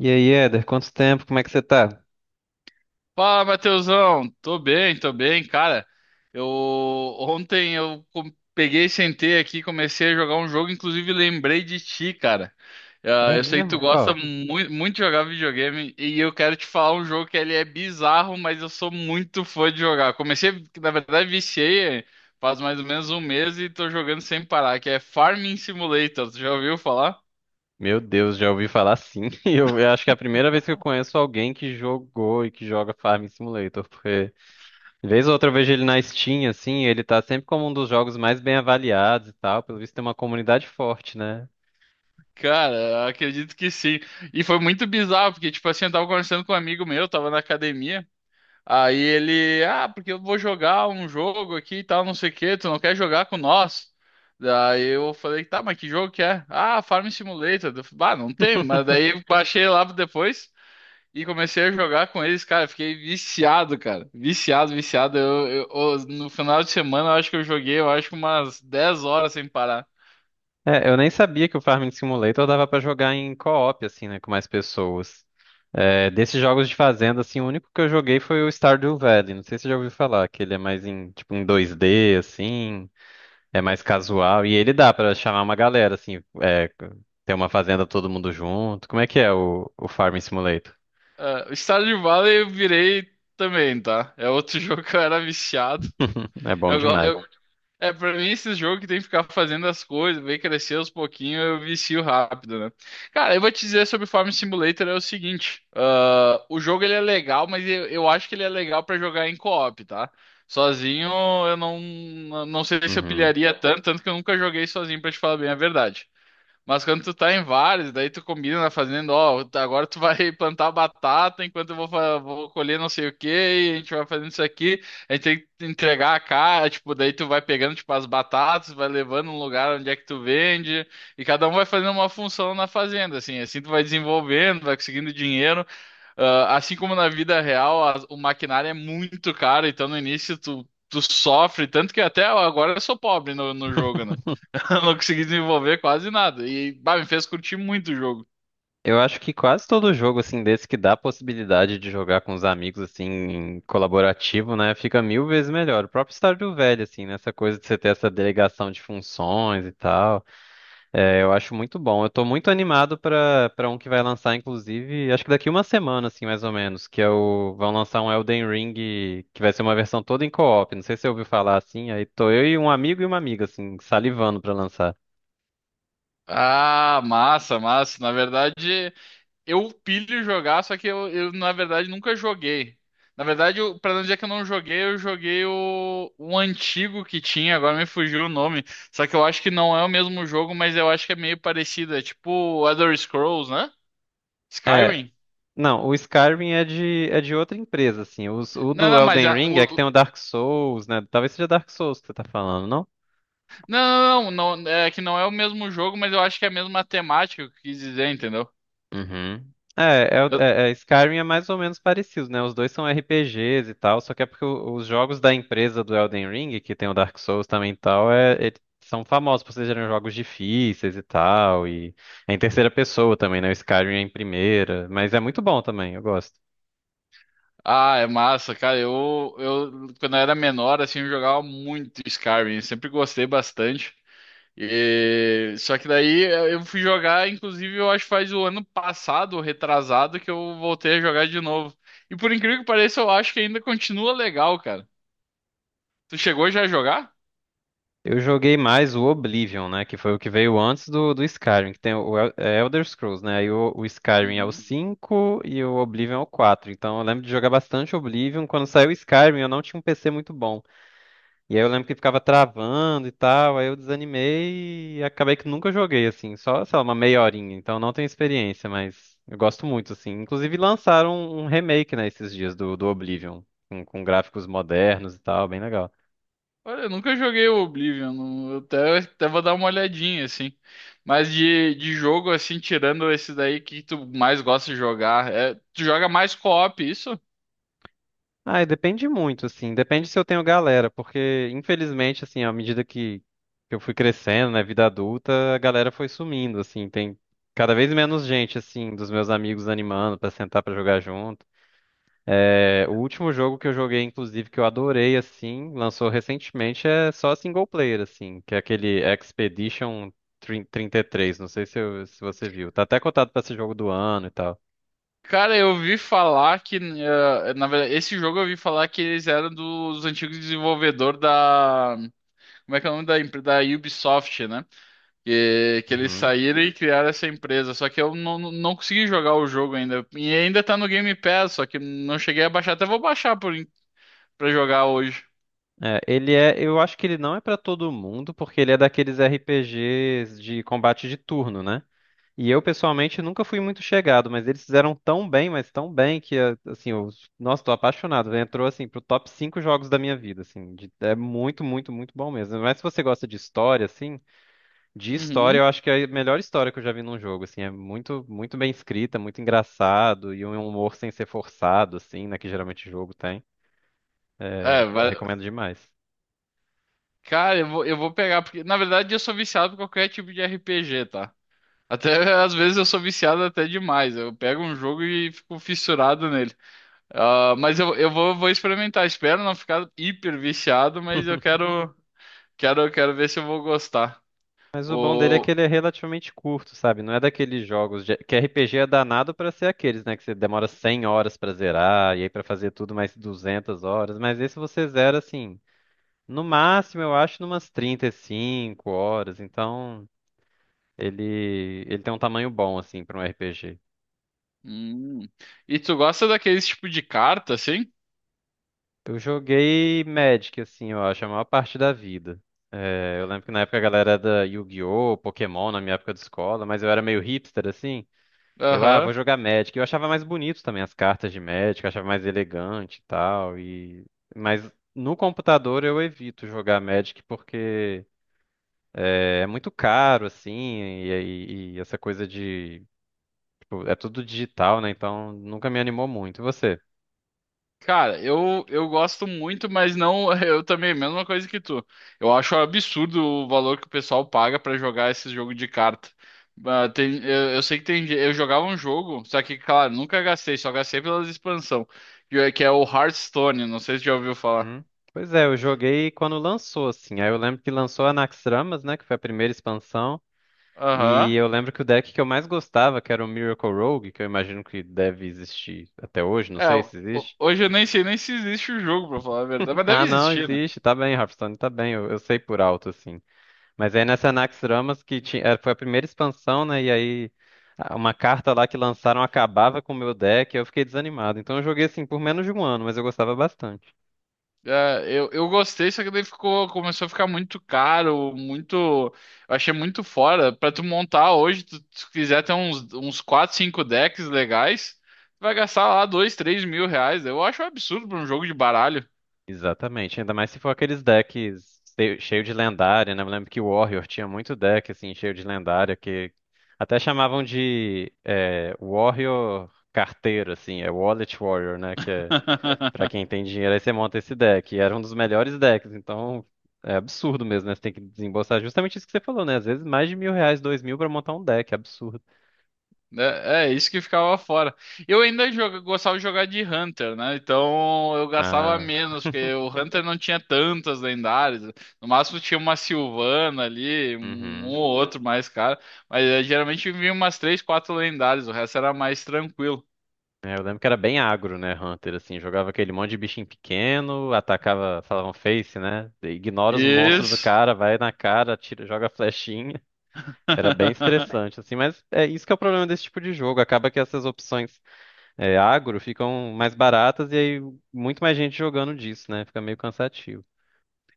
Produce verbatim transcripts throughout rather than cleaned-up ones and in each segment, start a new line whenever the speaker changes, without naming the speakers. E aí, Éder, quanto tempo? Como é que você tá?
Fala, Matheusão. Tô bem, tô bem, cara. Eu ontem eu com- Peguei, sentei aqui, comecei a jogar um jogo, inclusive lembrei de ti, cara. Ah,
É
Eu sei que tu
mesmo?
gosta
Qual?
muito, muito de jogar videogame e eu quero te falar um jogo que ele é bizarro, mas eu sou muito fã de jogar. Comecei, na verdade, viciei eh, faz mais ou menos um mês e tô jogando sem parar, que é Farming Simulator. Tu já ouviu falar?
Meu Deus, já ouvi falar sim. Eu, eu acho que é a primeira vez que eu conheço alguém que jogou e que joga Farming Simulator, porque vez ou outra eu vejo ele na Steam, assim, e ele tá sempre como um dos jogos mais bem avaliados e tal. Pelo visto tem uma comunidade forte, né?
Cara, acredito que sim. E foi muito bizarro, porque, tipo assim, eu tava conversando com um amigo meu, tava na academia. Aí ele, ah, porque eu vou jogar um jogo aqui e tal, não sei o quê, tu não quer jogar com nós? Daí eu falei, tá, mas que jogo que é? Ah, Farm Simulator. Eu falei, ah, não tem, mas daí eu baixei lá depois e comecei a jogar com eles, cara. Fiquei viciado, cara. Viciado, viciado. Eu, eu- eu- no final de semana, eu acho que eu joguei, eu acho que umas dez horas sem parar.
É, eu nem sabia que o Farming Simulator dava pra jogar em co-op, assim, né, com mais pessoas. É, desses jogos de fazenda, assim, o único que eu joguei foi o Stardew Valley. Não sei se você já ouviu falar, que ele é mais em, tipo, em dois D, assim. É mais casual. E ele dá pra chamar uma galera, assim, é, ter uma fazenda todo mundo junto. Como é que é o, o Farming Simulator?
Ah, Stardew Valley eu virei também, tá? É outro jogo que eu era viciado.
É bom
Eu, go-
demais.
eu, é, Pra mim, esse jogo que tem que ficar fazendo as coisas, ver crescer aos pouquinhos, eu vicio rápido, né? Cara, eu vou te dizer sobre Farm Simulator é o seguinte: ah, o jogo ele é legal, mas eu, eu acho que ele é legal pra jogar em co-op, tá? Sozinho eu não, não sei se eu
Uhum.
pilharia tanto, tanto que eu nunca joguei sozinho, pra te falar bem a verdade. Mas quando tu tá em vários, daí tu combina na fazenda, ó, tá- agora tu vai plantar batata enquanto eu vou, fa- vou colher não sei o quê, e a gente vai fazendo isso aqui, a gente tem que entregar a cara, tipo, daí tu vai pegando, tipo, as batatas, vai levando um lugar onde é que tu vende, e cada um vai fazendo uma função na fazenda, assim, assim tu vai desenvolvendo, vai conseguindo dinheiro. Ah, assim como na vida real, a- o maquinário é muito caro, então no início tu, tu sofre, tanto que até agora eu sou pobre no, no jogo, né? Eu não consegui desenvolver quase nada. E, bah, me fez curtir muito o jogo.
Eu acho que quase todo jogo, assim, desse que dá a possibilidade de jogar com os amigos, assim, em colaborativo, né, fica mil vezes melhor. O próprio Stardew Valley, assim, nessa coisa de você ter essa delegação de funções e tal. É, eu acho muito bom. Eu tô muito animado pra para um que vai lançar, inclusive, acho que daqui uma semana, assim, mais ou menos, que é o vão lançar um Elden Ring que vai ser uma versão toda em co-op. Não sei se você ouviu falar assim, aí tô eu e um amigo e uma amiga, assim, salivando pra lançar.
Ah, massa, massa. Na verdade, eu pilho jogar, só que eu, eu, na verdade, nunca joguei. Na verdade, eu, pra não dizer que eu não joguei, eu joguei o, o antigo que tinha, agora me fugiu o nome. Só que eu acho que não é o mesmo jogo, mas eu acho que é meio parecido. É tipo Elder Scrolls, né?
É,
Skyrim?
não, o Skyrim é de é de outra empresa, assim. Os- o
Não,
do
não, mas
Elden
a,
Ring
o,
é que tem
o-
o Dark Souls, né? Talvez seja Dark Souls que você tá falando, não?
não, não, não, não, É que não é o mesmo jogo, mas eu acho que é a mesma temática que eu quis dizer, entendeu?
Uhum. É, é, o- é, é, Skyrim é mais ou menos parecido, né? Os dois são R P Gs e tal, só que é porque o- os jogos da empresa do Elden Ring, que tem o Dark Souls também e tal, é, eles são famosos por serem jogos difíceis e tal, e é em terceira pessoa também, né? O Skyrim é em primeira, mas é muito bom também, eu gosto.
Ah, é massa, cara. Eu, eu quando eu era menor, assim, eu jogava muito Skyrim. Sempre gostei bastante. E- Só que daí eh, eu fui jogar, inclusive, eu acho que faz o ano passado, retrasado, que eu voltei a jogar de novo. E por incrível que pareça, eu acho que ainda continua legal, cara. Tu chegou já a jogar?
Eu joguei mais o Oblivion, né? Que foi o que veio antes do, do Skyrim, que tem o El- é Elder Scrolls, né? Aí o, o Skyrim é o
Uhum.
cinco e o Oblivion é o quatro. Então eu lembro de jogar bastante Oblivion. Quando saiu o Skyrim, eu não tinha um P C muito bom. E aí eu lembro que ficava travando e tal. Aí eu desanimei e acabei que nunca joguei, assim. Só, sei lá, uma meia horinha. Então eu não tenho experiência, mas eu gosto muito, assim. Inclusive lançaram um um remake, né, esses dias do, do Oblivion, com, com gráficos modernos e tal. Bem legal.
Olha, eu nunca joguei o Oblivion. não- Eu até, até vou dar uma olhadinha, assim. Mas de, de jogo, assim, tirando esse daí, o que tu mais gosta de jogar? É, tu joga mais co-op, isso?
Ah, depende muito, assim. Depende se eu tenho galera, porque infelizmente, assim, à medida que que eu fui crescendo, né, vida adulta, a galera foi sumindo, assim. Tem cada vez menos gente, assim, dos meus amigos animando pra sentar pra jogar junto. É, o último jogo que eu joguei, inclusive, que eu adorei, assim, lançou recentemente, é só single player, assim, que é aquele Expedition trinta e três. Não sei se, eu- se você viu. Tá até cotado pra ser jogo do ano e tal.
Cara, eu ouvi falar que, eh, na verdade, esse jogo eu ouvi falar que eles eram dos antigos desenvolvedores da. Como é que é o nome da empresa? Da Ubisoft, né? Que, que eles
Uhum.
saíram e criaram essa empresa. Só que eu não, não não consegui jogar o jogo ainda. E ainda tá no Game Pass, só que não cheguei a baixar. Até vou baixar por, en- Pra jogar hoje.
É, ele é, eu acho que ele não é pra todo mundo, porque ele é daqueles R P Gs de combate de turno, né? E eu pessoalmente nunca fui muito chegado, mas eles fizeram tão bem, mas tão bem que a- assim, eu, nossa, tô apaixonado. Né? Entrou assim pro top cinco jogos da minha vida, assim, de- é muito, muito, muito bom mesmo. Mas se você gosta de história, assim, de história,
Uhum.
eu acho que é a melhor história que eu já vi num jogo, assim, é muito, muito bem escrita, muito engraçado e um humor sem ser forçado, assim, né, que geralmente o jogo tem.
É,
Eu
vai...
recomendo demais.
Cara, eu vou, eu vou pegar, porque na verdade eu sou viciado por qualquer tipo de R P G, tá? Até às vezes eu sou viciado até demais. Eu pego um jogo e fico fissurado nele. Ah, mas eu, eu vou, vou experimentar. Espero não ficar hiper viciado, mas eu quero, quero, quero ver se eu vou gostar.
Mas o bom dele é
O...
que ele é relativamente curto, sabe? Não é daqueles jogos de... que R P G é danado pra ser aqueles, né? Que você demora cem horas pra zerar e aí pra fazer tudo mais duzentas horas. Mas esse você zera assim, no máximo eu acho numas trinta e cinco horas. Então ele ele tem um tamanho bom assim pra um R P G.
Hum. E tu gosta daqueles tipo de carta, assim?
Eu joguei Magic assim, eu acho a maior parte da vida. É, eu lembro que na época a galera era da Yu-Gi-Oh, Pokémon na minha época de escola, mas eu era meio hipster assim. Eu, ah,
Aham.
vou jogar Magic. Eu achava mais bonito também as cartas de Magic, eu achava mais elegante e tal. E... Mas no computador eu evito jogar Magic porque é muito caro, assim, e, e- e essa coisa de. Tipo, é tudo digital, né? Então nunca me animou muito. E você?
Cara, eu, eu gosto muito, mas não. Eu também, mesma coisa que tu. Eu acho absurdo o valor que o pessoal paga pra jogar esse jogo de carta. Ah, tem, eu, eu sei que tem. ge- Eu jogava um jogo, só que, claro, nunca gastei, só gastei pelas expansão, que é que é o Hearthstone. Não sei se já ouviu falar.
Hum? Pois é, eu joguei quando lançou, assim. Aí eu lembro que lançou a Naxxramas, né? Que foi a primeira expansão. E
Aham.
eu lembro que o deck que eu mais gostava, que era o Miracle Rogue, que eu imagino que deve existir até hoje, não
É,
sei
ho-
se existe.
hoje eu nem sei nem se existe o jogo, pra falar a verdade, mas deve
Ah, não,
existir, né?
existe. Tá bem, Hearthstone, tá bem. Eu, eu sei por alto, assim. Mas aí nessa Anaxramas, que tinha, eh, foi a primeira expansão, né? E aí a- uma carta lá que lançaram acabava com o meu deck, e eu fiquei desanimado. Então eu joguei, assim, por menos de um ano, mas eu gostava bastante.
É, eu, eu gostei, só que daí ficou, começou a ficar muito caro, muito. Eu achei muito fora. Pra tu montar hoje, tu, tu quiser ter uns, uns quatro, cinco decks legais, tu vai gastar lá dois, três mil reais. Eu acho um absurdo pra um jogo de baralho.
Exatamente. Ainda mais se for aqueles decks cheio cheio de lendária, né? Eu lembro que o Warrior tinha muito deck, assim, cheio de lendária, que até chamavam de eh, Warrior carteiro, assim. É Wallet Warrior, né? Pra quem tem dinheiro, aí você monta esse deck. E era um dos melhores decks, então é absurdo mesmo, né? Você tem que desembolsar justamente isso que você falou, né? Às vezes mais de mil reais, dois mil pra montar um deck, é absurdo.
É, é, isso que ficava fora. Eu ainda joga- gostava de jogar de Hunter, né? Então eu gastava
Ah,
menos, porque o Hunter não tinha tantas lendárias. No máximo tinha uma Sylvana ali, um, um
uhum.
ou outro mais cara. Mas eh, geralmente vinha umas três, quatro lendárias, o resto era mais tranquilo.
É, eu lembro que era bem agro, né, Hunter, assim, jogava aquele monte de bichinho pequeno, atacava, falavam face, né? Ignora os monstros do
Isso.
cara, vai na cara, tira, joga flechinha. Era bem estressante, assim, mas é isso que é o problema desse tipo de jogo. Acaba que essas opções é, agro ficam mais baratas e aí muito mais gente jogando disso, né? Fica meio cansativo.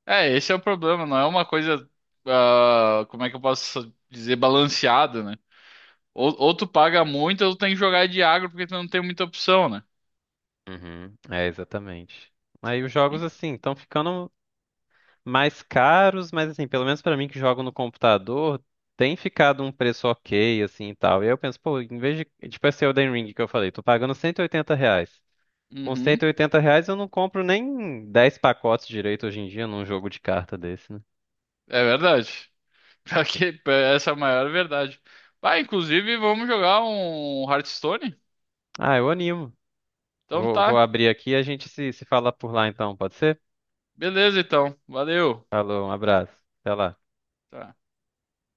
É, esse é o problema, não é uma coisa, ah, como é que eu posso dizer, balanceada, né? Ou, ou tu paga muito, ou tu tem que jogar de agro porque tu não tem muita opção, né?
Uhum. É, exatamente. Aí os jogos, assim, estão ficando mais caros, mas, assim, pelo menos pra mim que jogo no computador, tem ficado um preço ok, assim, e tal. E aí eu penso, pô, em vez de, tipo esse Elden Ring que eu falei, tô pagando cento e oitenta reais. Com
Uhum.
cento e oitenta reais eu não compro nem dez pacotes direito hoje em dia num jogo de carta desse, né?
É verdade. Pior que- Essa é a maior verdade. Ah, inclusive, vamos jogar um Hearthstone?
Ah, eu animo.
Então
Vou, vou
tá.
abrir aqui e a gente se, se fala por lá então, pode ser?
Beleza, então. Valeu.
Falou, um abraço. Até lá.
Tá.